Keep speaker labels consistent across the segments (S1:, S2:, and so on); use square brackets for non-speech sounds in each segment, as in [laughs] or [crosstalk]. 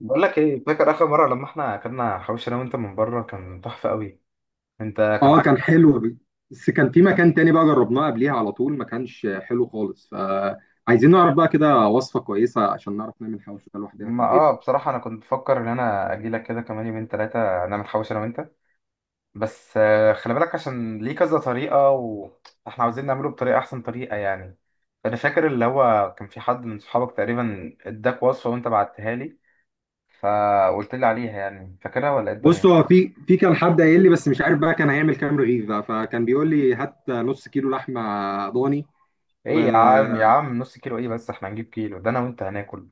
S1: بقول لك ايه، فاكر اخر مره لما احنا اكلنا حواوشي انا وانت من بره؟ كان تحفه قوي. انت كان
S2: اه كان
S1: عاجبك.
S2: حلو بس كان في مكان تاني بقى جربناه قبليها على طول ما كانش حلو خالص، فعايزين نعرف بقى كده وصفة كويسة عشان نعرف نعمل حواوشي ده لوحدنا في
S1: ما
S2: البيت
S1: اه
S2: بقى.
S1: بصراحه انا كنت بفكر ان انا اجي لك كده كمان يومين ثلاثه نعمل حواوشي انا وانت. بس خلي بالك، عشان ليه كذا طريقه. واحنا عاوزين نعمله بطريقه احسن طريقه يعني. فانا فاكر اللي هو كان في حد من صحابك تقريبا اداك وصفه وانت بعتها لي، فقلت لي عليها. يعني فاكرها ولا ايه
S2: بص،
S1: الدنيا؟
S2: هو في كان حد قايل لي، بس مش عارف بقى كان هيعمل كام رغيف بقى. فكان بيقول لي هات نص كيلو لحمة ضاني و
S1: ايه يا عم يا عم، نص كيلو ايه؟ بس احنا هنجيب كيلو، ده انا وانت هناكل.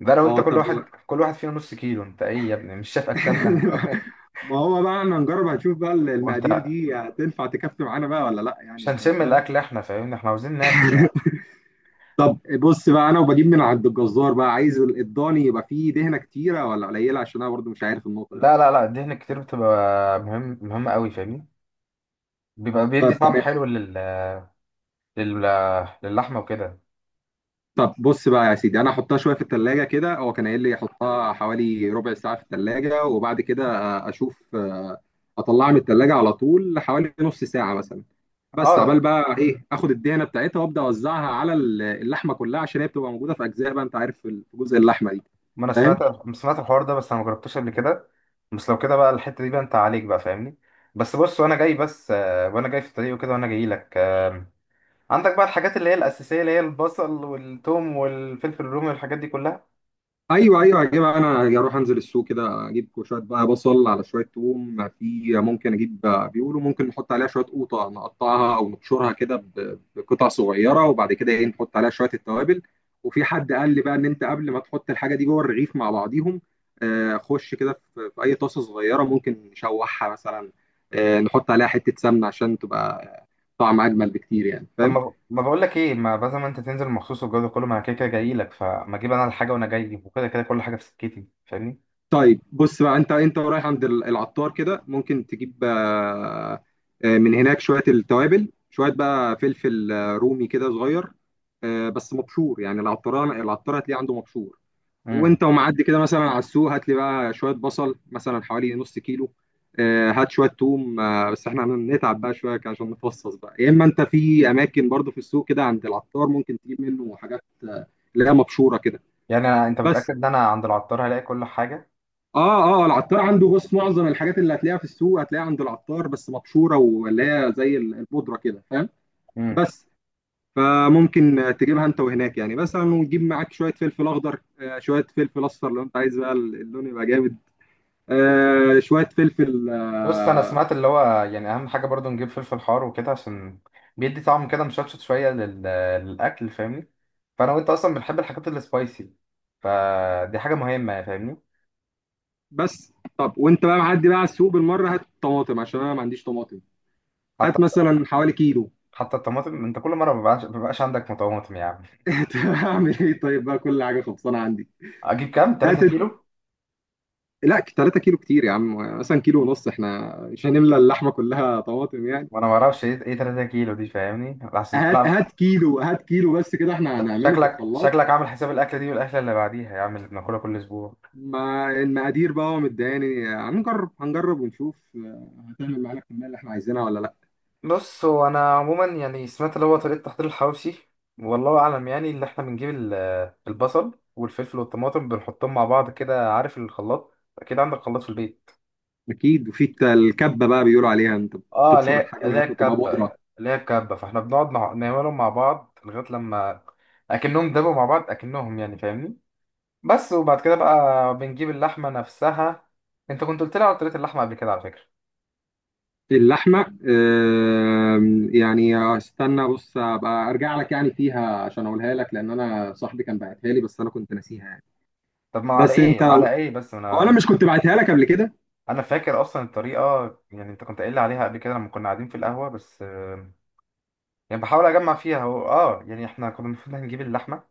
S1: ده لو انت،
S2: اه
S1: كل
S2: طب و-
S1: واحد كل واحد فينا نص كيلو؟ انت ايه يا ابني، مش شايف اجسامنا؟ [laughs]
S2: [laughs] ما هو بقى احنا هنجرب هنشوف بقى
S1: وانت،
S2: المقادير دي هتنفع تكفي معانا بقى ولا لا، يعني
S1: مش
S2: انت
S1: هنشم
S2: فاهم.
S1: الاكل احنا، فاهمني؟ احنا عاوزين ناكل.
S2: [laughs] طب بص بقى، انا وبجيب من عند الجزار بقى، عايز الضاني يبقى فيه دهنه كتيره ولا قليله؟ عشان انا برضو مش عارف النقطه دي.
S1: لا لا لا، الدهن كتير بتبقى مهمة قوي، فاهمني. بيبقى بيدي
S2: طب
S1: طعم
S2: تمام.
S1: حلو لل لل للحمة وكده.
S2: طب بص بقى يا سيدي، انا احطها شويه في التلاجة كده، هو كان قايل لي احطها حوالي ربع ساعه في التلاجة وبعد كده اشوف، اطلعها من التلاجة على طول حوالي نص ساعه مثلا. بس عبال
S1: اه،
S2: بقى ايه، اخد الدهنه بتاعتها وابدا اوزعها على اللحمه كلها عشان هي بتبقى موجوده في اجزاء بقى، انت عارف، في جزء اللحمه دي،
S1: ما انا سمعت،
S2: فاهم؟
S1: سمعت الحوار ده، بس انا ما جربتوش قبل كده. بس لو كده بقى، الحتة دي بقى انت عليك بقى، فاهمني؟ بس بص، وانا جاي بس وانا جاي في الطريق وكده، وانا جاي لك عندك بقى الحاجات اللي هي الأساسية، اللي هي البصل والثوم والفلفل الرومي والحاجات دي كلها.
S2: ايوه ايوه، هجيب انا، اروح انزل السوق كده اجيب شويه بقى بصل على شويه توم، في ممكن اجيب، بيقولوا ممكن نحط عليها شويه قوطه نقطعها او نبشرها كده بقطع صغيره، وبعد كده ايه، نحط عليها شويه التوابل. وفي حد قال لي بقى ان انت قبل ما تحط الحاجه دي جوه الرغيف مع بعضيهم، خش كده في اي طاسه صغيره، ممكن نشوحها مثلا، نحط عليها حته سمنه عشان تبقى طعم اجمل بكتير، يعني
S1: طب
S2: فاهم؟
S1: ما ما بقول لك ايه، ما بدل ما انت تنزل مخصوص والجو ده كله، ما انا كده كده جاي لك، فما اجيب انا الحاجه وانا جاي وكده، كده كل حاجه في سكتي، فاهمني؟
S2: طيب بص بقى، انت رايح عند العطار كده، ممكن تجيب من هناك شويه التوابل، شويه بقى فلفل رومي كده صغير، بس مبشور. يعني العطار هتلاقيه عنده مبشور.
S1: امم.
S2: وانت ومعدي كده مثلا على السوق، هات لي بقى شويه بصل مثلا حوالي نص كيلو، هات شويه توم، بس احنا هنتعب بقى شويه عشان نفصص بقى، يا اما انت في اماكن برضو في السوق كده عند العطار ممكن تجيب منه حاجات آه، اللي هي مبشوره كده.
S1: يعني أنا... انت
S2: بس
S1: متاكد ان انا عند العطار هلاقي كل حاجه؟
S2: اه العطار عنده، بص، معظم الحاجات اللي هتلاقيها في السوق هتلاقيها عند العطار بس مبشوره، واللي هي زي البودره كده، فاهم؟
S1: امم.
S2: بس فممكن تجيبها انت وهناك يعني، مثلا وتجيب معاك شويه فلفل اخضر، آه شويه فلفل اصفر لو انت عايز بقى اللون يبقى جامد، آه شويه فلفل
S1: بص، انا
S2: آه
S1: سمعت اللي هو يعني اهم حاجه برضو نجيب فلفل حار وكده، عشان بيدي طعم كده مشطشط شويه لل... للاكل، فاهمني. فانا وانت اصلا بنحب الحاجات السبايسي، فدي حاجه مهمه يعني، فاهمني.
S2: بس. طب، وانت بقى معدي بقى على السوق بالمره هات طماطم عشان انا ما عنديش طماطم. هات
S1: حتى،
S2: مثلا حوالي كيلو.
S1: حتى الطماطم انت كل مره ما بيبقاش عندك طماطم يعني.
S2: [laughs] هعمل ايه؟ طيب بقى، كل حاجه خلصانه عندي.
S1: اجيب كام؟
S2: هات،
S1: 3 كيلو؟
S2: لا 3 كيلو كتير يا عم، مثلا كيلو ونص، احنا مش هنملى اللحمه كلها طماطم يعني.
S1: ما انا ما اعرفش ايه 3 كيلو دي، فاهمني احسن كل
S2: هات
S1: عم...
S2: هات كيلو، هات كيلو بس كده، احنا هنعمله في
S1: شكلك
S2: الخلاط.
S1: شكلك عامل حساب الاكله دي والاكله اللي بعديها يا عم، اللي بناكلها كل اسبوع.
S2: ما المقادير بقى مداني، هنجرب هنجرب ونشوف، هتعمل معانا الكميه اللي احنا عايزينها ولا لا.
S1: بص هو انا عموما يعني سمعت اللي هو طريقه تحضير الحواوشي، والله اعلم. يعني اللي احنا بنجيب البصل والفلفل والطماطم بنحطهم مع بعض كده. عارف الخلاط، اكيد عندك خلاط في البيت.
S2: اكيد. وفي الكبه بقى بيقولوا عليها، انت
S1: اه
S2: بتبشر
S1: لا
S2: الحاجه
S1: لا
S2: لغايه ما تبقى
S1: الكبه.
S2: بودره.
S1: لا الكبه، فاحنا بنقعد نعملهم مع بعض لغايه لما اكنهم دبوا مع بعض، اكنهم يعني فاهمني. بس وبعد كده بقى بنجيب اللحمة نفسها. انت كنت قلت لي على طريقة اللحمة قبل كده، على فكرة.
S2: اللحمه يعني استنى، بص ابقى ارجع لك يعني فيها عشان اقولها لك، لان انا صاحبي كان باعتها لي بس انا كنت ناسيها يعني.
S1: طب ما على
S2: بس انت،
S1: ايه على
S2: هو
S1: ايه، بس انا
S2: انا
S1: انا
S2: مش كنت بعتها لك قبل كده؟
S1: انا فاكر اصلا الطريقة. يعني انت كنت قايل لي عليها قبل كده لما كنا قاعدين في القهوة، بس يعني بحاول اجمع فيها. هو اه، يعني احنا كنا المفروض هنجيب اللحمة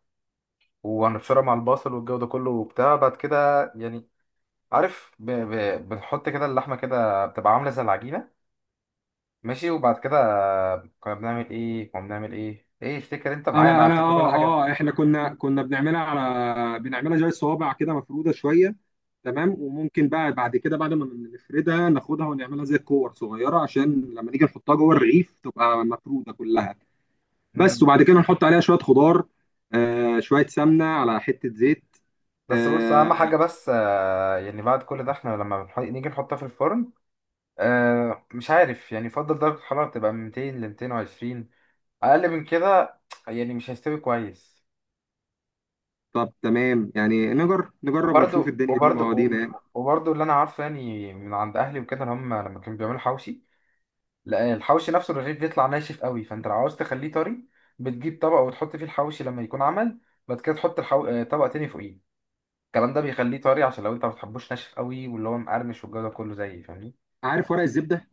S1: وهنبشرها مع البصل والجو ده كله وبتاع، بعد كده يعني، عارف، ب... ب... بنحط كده اللحمة كده بتبقى عاملة زي العجينة. ماشي. وبعد كده كنا بنعمل ايه، ايه، افتكر انت معايا، انا
S2: انا
S1: افتكر كل
S2: اه
S1: حاجة.
S2: اه احنا كنا بنعملها زي الصوابع كده مفروده شويه، تمام. وممكن بقى بعد كده، بعد ما نفردها ناخدها ونعملها زي الكور صغيره، عشان لما نيجي نحطها جوه الرغيف تبقى مفروده كلها. بس وبعد كده نحط عليها شويه خضار، آه شويه سمنه على حته زيت
S1: بس بص، اهم حاجه
S2: آه.
S1: بس يعني بعد كل ده احنا لما نيجي نحطها في الفرن، مش عارف، يعني يفضل درجه الحراره تبقى من 200 ل 220، اقل من كده يعني مش هيستوي كويس.
S2: طب تمام، يعني نجرب ونشوف،
S1: وبرده
S2: الدنيا دي
S1: وبرده
S2: مواضيع.
S1: وبرده، اللي انا عارفه يعني من عند اهلي وكده، ان هم لما كانوا بيعملوا حوشي، لا الحوشي نفسه الرغيف بيطلع ناشف قوي، فانت لو عاوز تخليه طري بتجيب طبق وتحط فيه الحوشي لما يكون عمل، بعد كده تحط الحو... آه، طبق تاني فوقيه. الكلام ده بيخليه طري، عشان لو انت ما بتحبوش ناشف قوي واللي هو مقرمش والجو ده كله زي، فاهمني.
S2: عارف ورق الزبده؟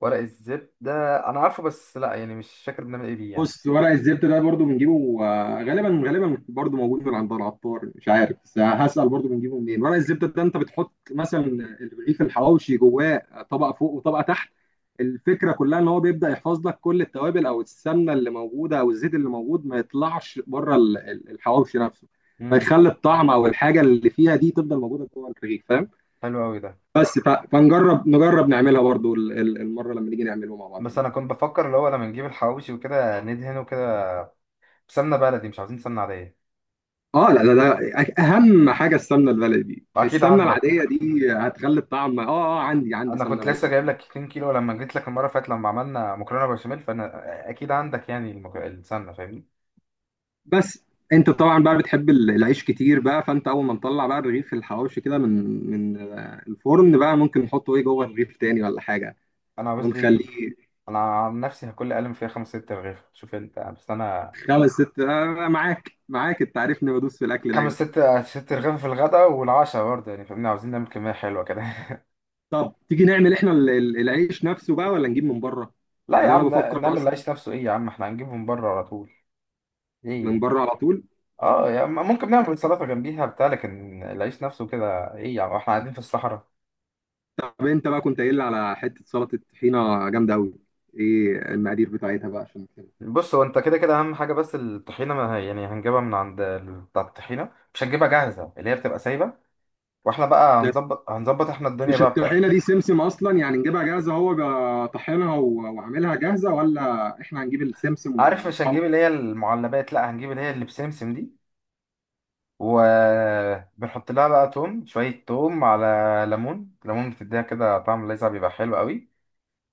S1: ورق الزبدة، أنا عارفه، بس لأ يعني مش فاكر بنعمل إيه بيه يعني.
S2: بص، ورق الزبدة ده برضو بنجيبه غالبا غالبا برضو موجود من عند العطار، مش عارف بس هسأل برضو بنجيبه منين ورق الزبدة ده. انت بتحط مثلا الرغيف الحواوشي جواه، طبقة فوق وطبقة تحت. الفكرة كلها ان هو بيبدأ يحفظ لك كل التوابل او السمنة اللي موجودة او الزيت اللي موجود ما يطلعش بره الحواوشي نفسه،
S1: امم،
S2: فيخلي الطعم او الحاجة اللي فيها دي تفضل موجودة جوه الرغيف، فاهم؟
S1: حلو أوي ده.
S2: بس فنجرب نجرب نعملها برضو المرة لما نيجي نعمله مع بعض.
S1: بس أنا كنت بفكر اللي هو لما نجيب الحواوشي وكده ندهنه كده بسمنة بلدي، مش عاوزين سمنة عادية.
S2: اه لا، ده اهم حاجه، السمنه البلدي،
S1: أكيد
S2: السمنه
S1: عندك،
S2: العاديه دي هتخلي الطعم اه اه. عندي
S1: أنا
S2: سمنه
S1: كنت لسه
S2: بلدي.
S1: جايب لك 2 كيلو لما جيت لك المرة اللي فاتت لما عملنا مكرونة بشاميل، فأنا أكيد عندك يعني المك... السمنة، فاهمني.
S2: بس انت طبعا بقى بتحب العيش كتير بقى، فانت اول ما نطلع بقى الرغيف الحواوشي كده من من الفرن بقى، ممكن نحطه ايه جوه الرغيف تاني ولا حاجه
S1: أنا عاوز لي،
S2: ونخليه.
S1: أنا عن نفسي هاكل أقل من فيها خمس ست رغيف، شوف أنت، بس أنا
S2: خمس ست آه معاك معاك، انت عارفني بدوس في الاكل
S1: خمس
S2: دايما.
S1: ست رغيف في الغداء والعشاء برضه يعني، فاهمني. عاوزين نعمل كمية حلوة كده.
S2: طب تيجي نعمل احنا العيش نفسه بقى ولا نجيب من بره؟
S1: لا يا
S2: يعني انا
S1: عم،
S2: بفكر
S1: نعمل
S2: اصلا
S1: العيش نفسه ايه يا عم، احنا هنجيبهم بره على طول.
S2: من
S1: ايه.
S2: بره على طول.
S1: اه يا عم، ممكن نعمل سلطه جنبيها بتاع، لكن العيش نفسه كده ايه يا عم، احنا قاعدين في الصحراء.
S2: طب انت بقى كنت قايل لي على حته سلطه طحينه جامده قوي، ايه المقادير بتاعتها بقى عشان كده؟
S1: بص هو انت كده كده اهم حاجه، بس الطحينه ما هي- يعني هنجيبها من عند بتاع الطحينه، مش هنجيبها جاهزه اللي هي بتبقى سايبه، واحنا بقى
S2: ده
S1: هنظبط احنا الدنيا
S2: مش
S1: بقى
S2: الطحينه
S1: بتاعتنا.
S2: دي سمسم اصلا؟ يعني نجيبها جاهزه هو طحنها وعاملها جاهزه، ولا احنا هنجيب السمسم
S1: عارف، مش
S2: ونطحنه؟
S1: هنجيب اللي هي المعلبات، لا هنجيب اللي هي اللي بسمسم دي، وبنحط لها بقى توم، شويه توم على ليمون، ليمون بتديها كده طعم لاذع بيبقى حلو قوي.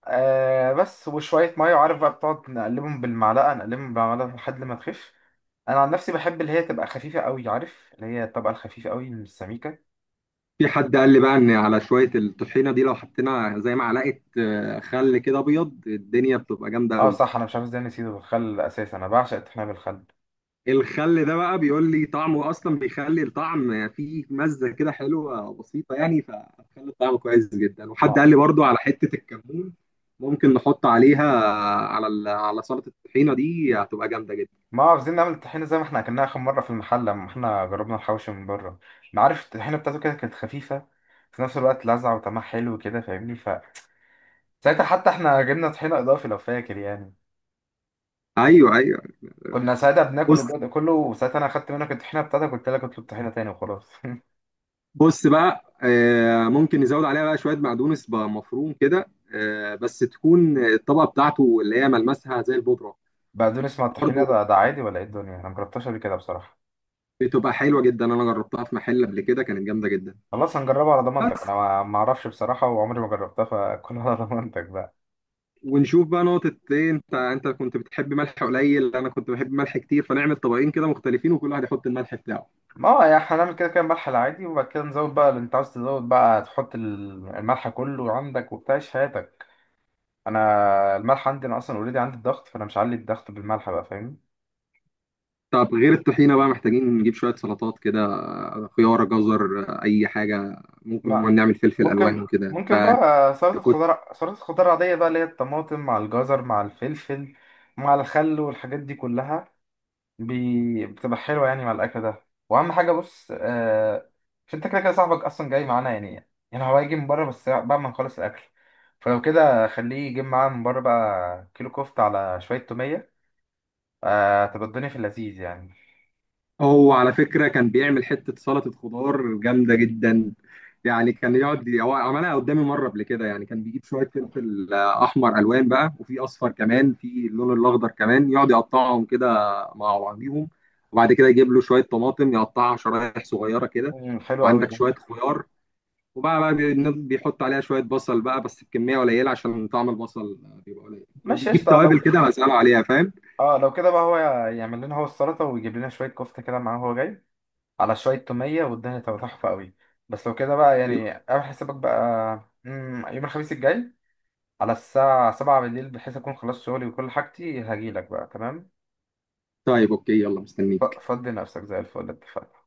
S1: آه بس، وشوية مية، وعارف بقى، بتقعد نقلبهم بالمعلقة نقلبهم بالمعلقة لحد ما تخف. أنا عن نفسي بحب اللي هي تبقى خفيفة قوي، عارف اللي هي الطبقة الخفيفة قوي من السميكة.
S2: في حد قال لي بقى ان على شويه الطحينه دي لو حطينا زي معلقه خل كده ابيض، الدنيا بتبقى جامده
S1: اه
S2: قوي.
S1: صح، أنا مش عارف ازاي نسيته بالخل أساسا، أنا بعشق الطحينة بالخل.
S2: الخل ده بقى بيقول لي طعمه اصلا بيخلي الطعم فيه مزه كده حلوه بسيطه يعني، فخلي الطعم كويس جدا.
S1: ما
S2: وحد قال لي برضو على حته الكمون ممكن نحط عليها على على سلطه الطحينه دي، هتبقى جامده جدا.
S1: ما عاوزين نعمل الطحينة زي ما احنا أكلناها آخر مرة في المحل لما احنا جربنا الحوشي من بره. ما عارف الطحينة بتاعته كده كانت خفيفة في نفس الوقت، لذعة، وطعمها حلو كده، فاهمني. ف ساعتها حتى احنا جبنا طحينة إضافي، لو فاكر يعني.
S2: ايوه ايوه.
S1: كنا ساعتها بناكل
S2: بص
S1: وبدا كله، وساعتها انا خدت منك الطحينه بتاعتك، قلت لك اطلب طحينه تاني وخلاص. [laughs]
S2: بص بقى، ممكن نزود عليها بقى شويه بقدونس بقى مفروم كده، بس تكون الطبقه بتاعته اللي هي ملمسها زي البودره.
S1: بقدونس مع الطحينه
S2: برضو
S1: ده, ده عادي ولا ايه الدنيا؟ انا مجربتهاش قبل كده بصراحه.
S2: بتبقى حلوه جدا، انا جربتها في محل قبل كده كانت جامده جدا.
S1: خلاص هنجربها على ضمانتك،
S2: بس،
S1: انا ما اعرفش بصراحه وعمري ما جربتها، فكل على ضمانتك بقى.
S2: ونشوف بقى نقطة ايه، انت انت كنت بتحب ملح قليل، انا كنت بحب ملح كتير، فنعمل طبقين كده مختلفين وكل واحد يحط الملح بتاعه.
S1: ما هو يعني هنعمل كده كده ملح العادي، وبعد كده نزود بقى اللي انت عاوز تزود بقى، تحط الملح كله عندك وبتاع، إيش حياتك. انا الملح عندي انا اصلا اوريدي، عندي الضغط، فانا مش هعلي الضغط بالملح بقى، فاهمني.
S2: طب غير الطحينة بقى، محتاجين نجيب شوية سلطات كده، خيار، جزر، اي حاجة ممكن، ما
S1: ما
S2: نعمل فلفل الوان
S1: ممكن
S2: وكده
S1: ممكن
S2: انت.
S1: بقى سلطة خضار، سلطة خضار عادية بقى، اللي هي الطماطم مع الجزر مع الفلفل مع الخل والحاجات دي كلها، بي... بتبقى حلوة يعني مع الأكل ده. وأهم حاجة بص مش أنت كده كده صاحبك أصلا جاي معانا يعني، يعني هو هيجي من بره بس بعد ما نخلص الأكل. فلو كده، خليه يجيب معاه من بره بقى كيلو كفتة على شوية تومية، تبقى الدنيا في اللذيذ يعني.
S2: هو على فكرة كان بيعمل حتة سلطة خضار جامدة جدا. يعني كان يقعد هو، عملها قدامي مرة قبل كده، يعني كان بيجيب شوية فلفل أحمر، ألوان بقى، وفي أصفر كمان، في اللون الأخضر كمان، يقعد يقطعهم كده مع بعضيهم. وبعد كده يجيب له شوية طماطم يقطعها شرايح صغيرة كده،
S1: مم، حلو قوي
S2: وعندك
S1: ده.
S2: شوية خيار. وبقى بيحط عليها شوية بصل بقى بس بكمية قليلة عشان طعم البصل بيبقى قليل،
S1: ماشي
S2: وبيجيب
S1: قشطة. لو
S2: توابل كده مسألة عليها، فاهم؟
S1: اه، لو كده بقى، هو يعمل لنا هو السلطة ويجيب لنا شوية كفتة كده معاه وهو جاي، على شوية تومية، والدنيا تبقى تحفة قوي. بس لو كده بقى يعني اعمل حسابك بقى. مم، يوم الخميس الجاي، على الساعة 7 بالليل، بحيث أكون خلصت شغلي وكل حاجتي، هجيلك بقى. تمام.
S2: طيب أوكي، يلا مستنيك.
S1: فضي نفسك زي الفل، اتفقنا؟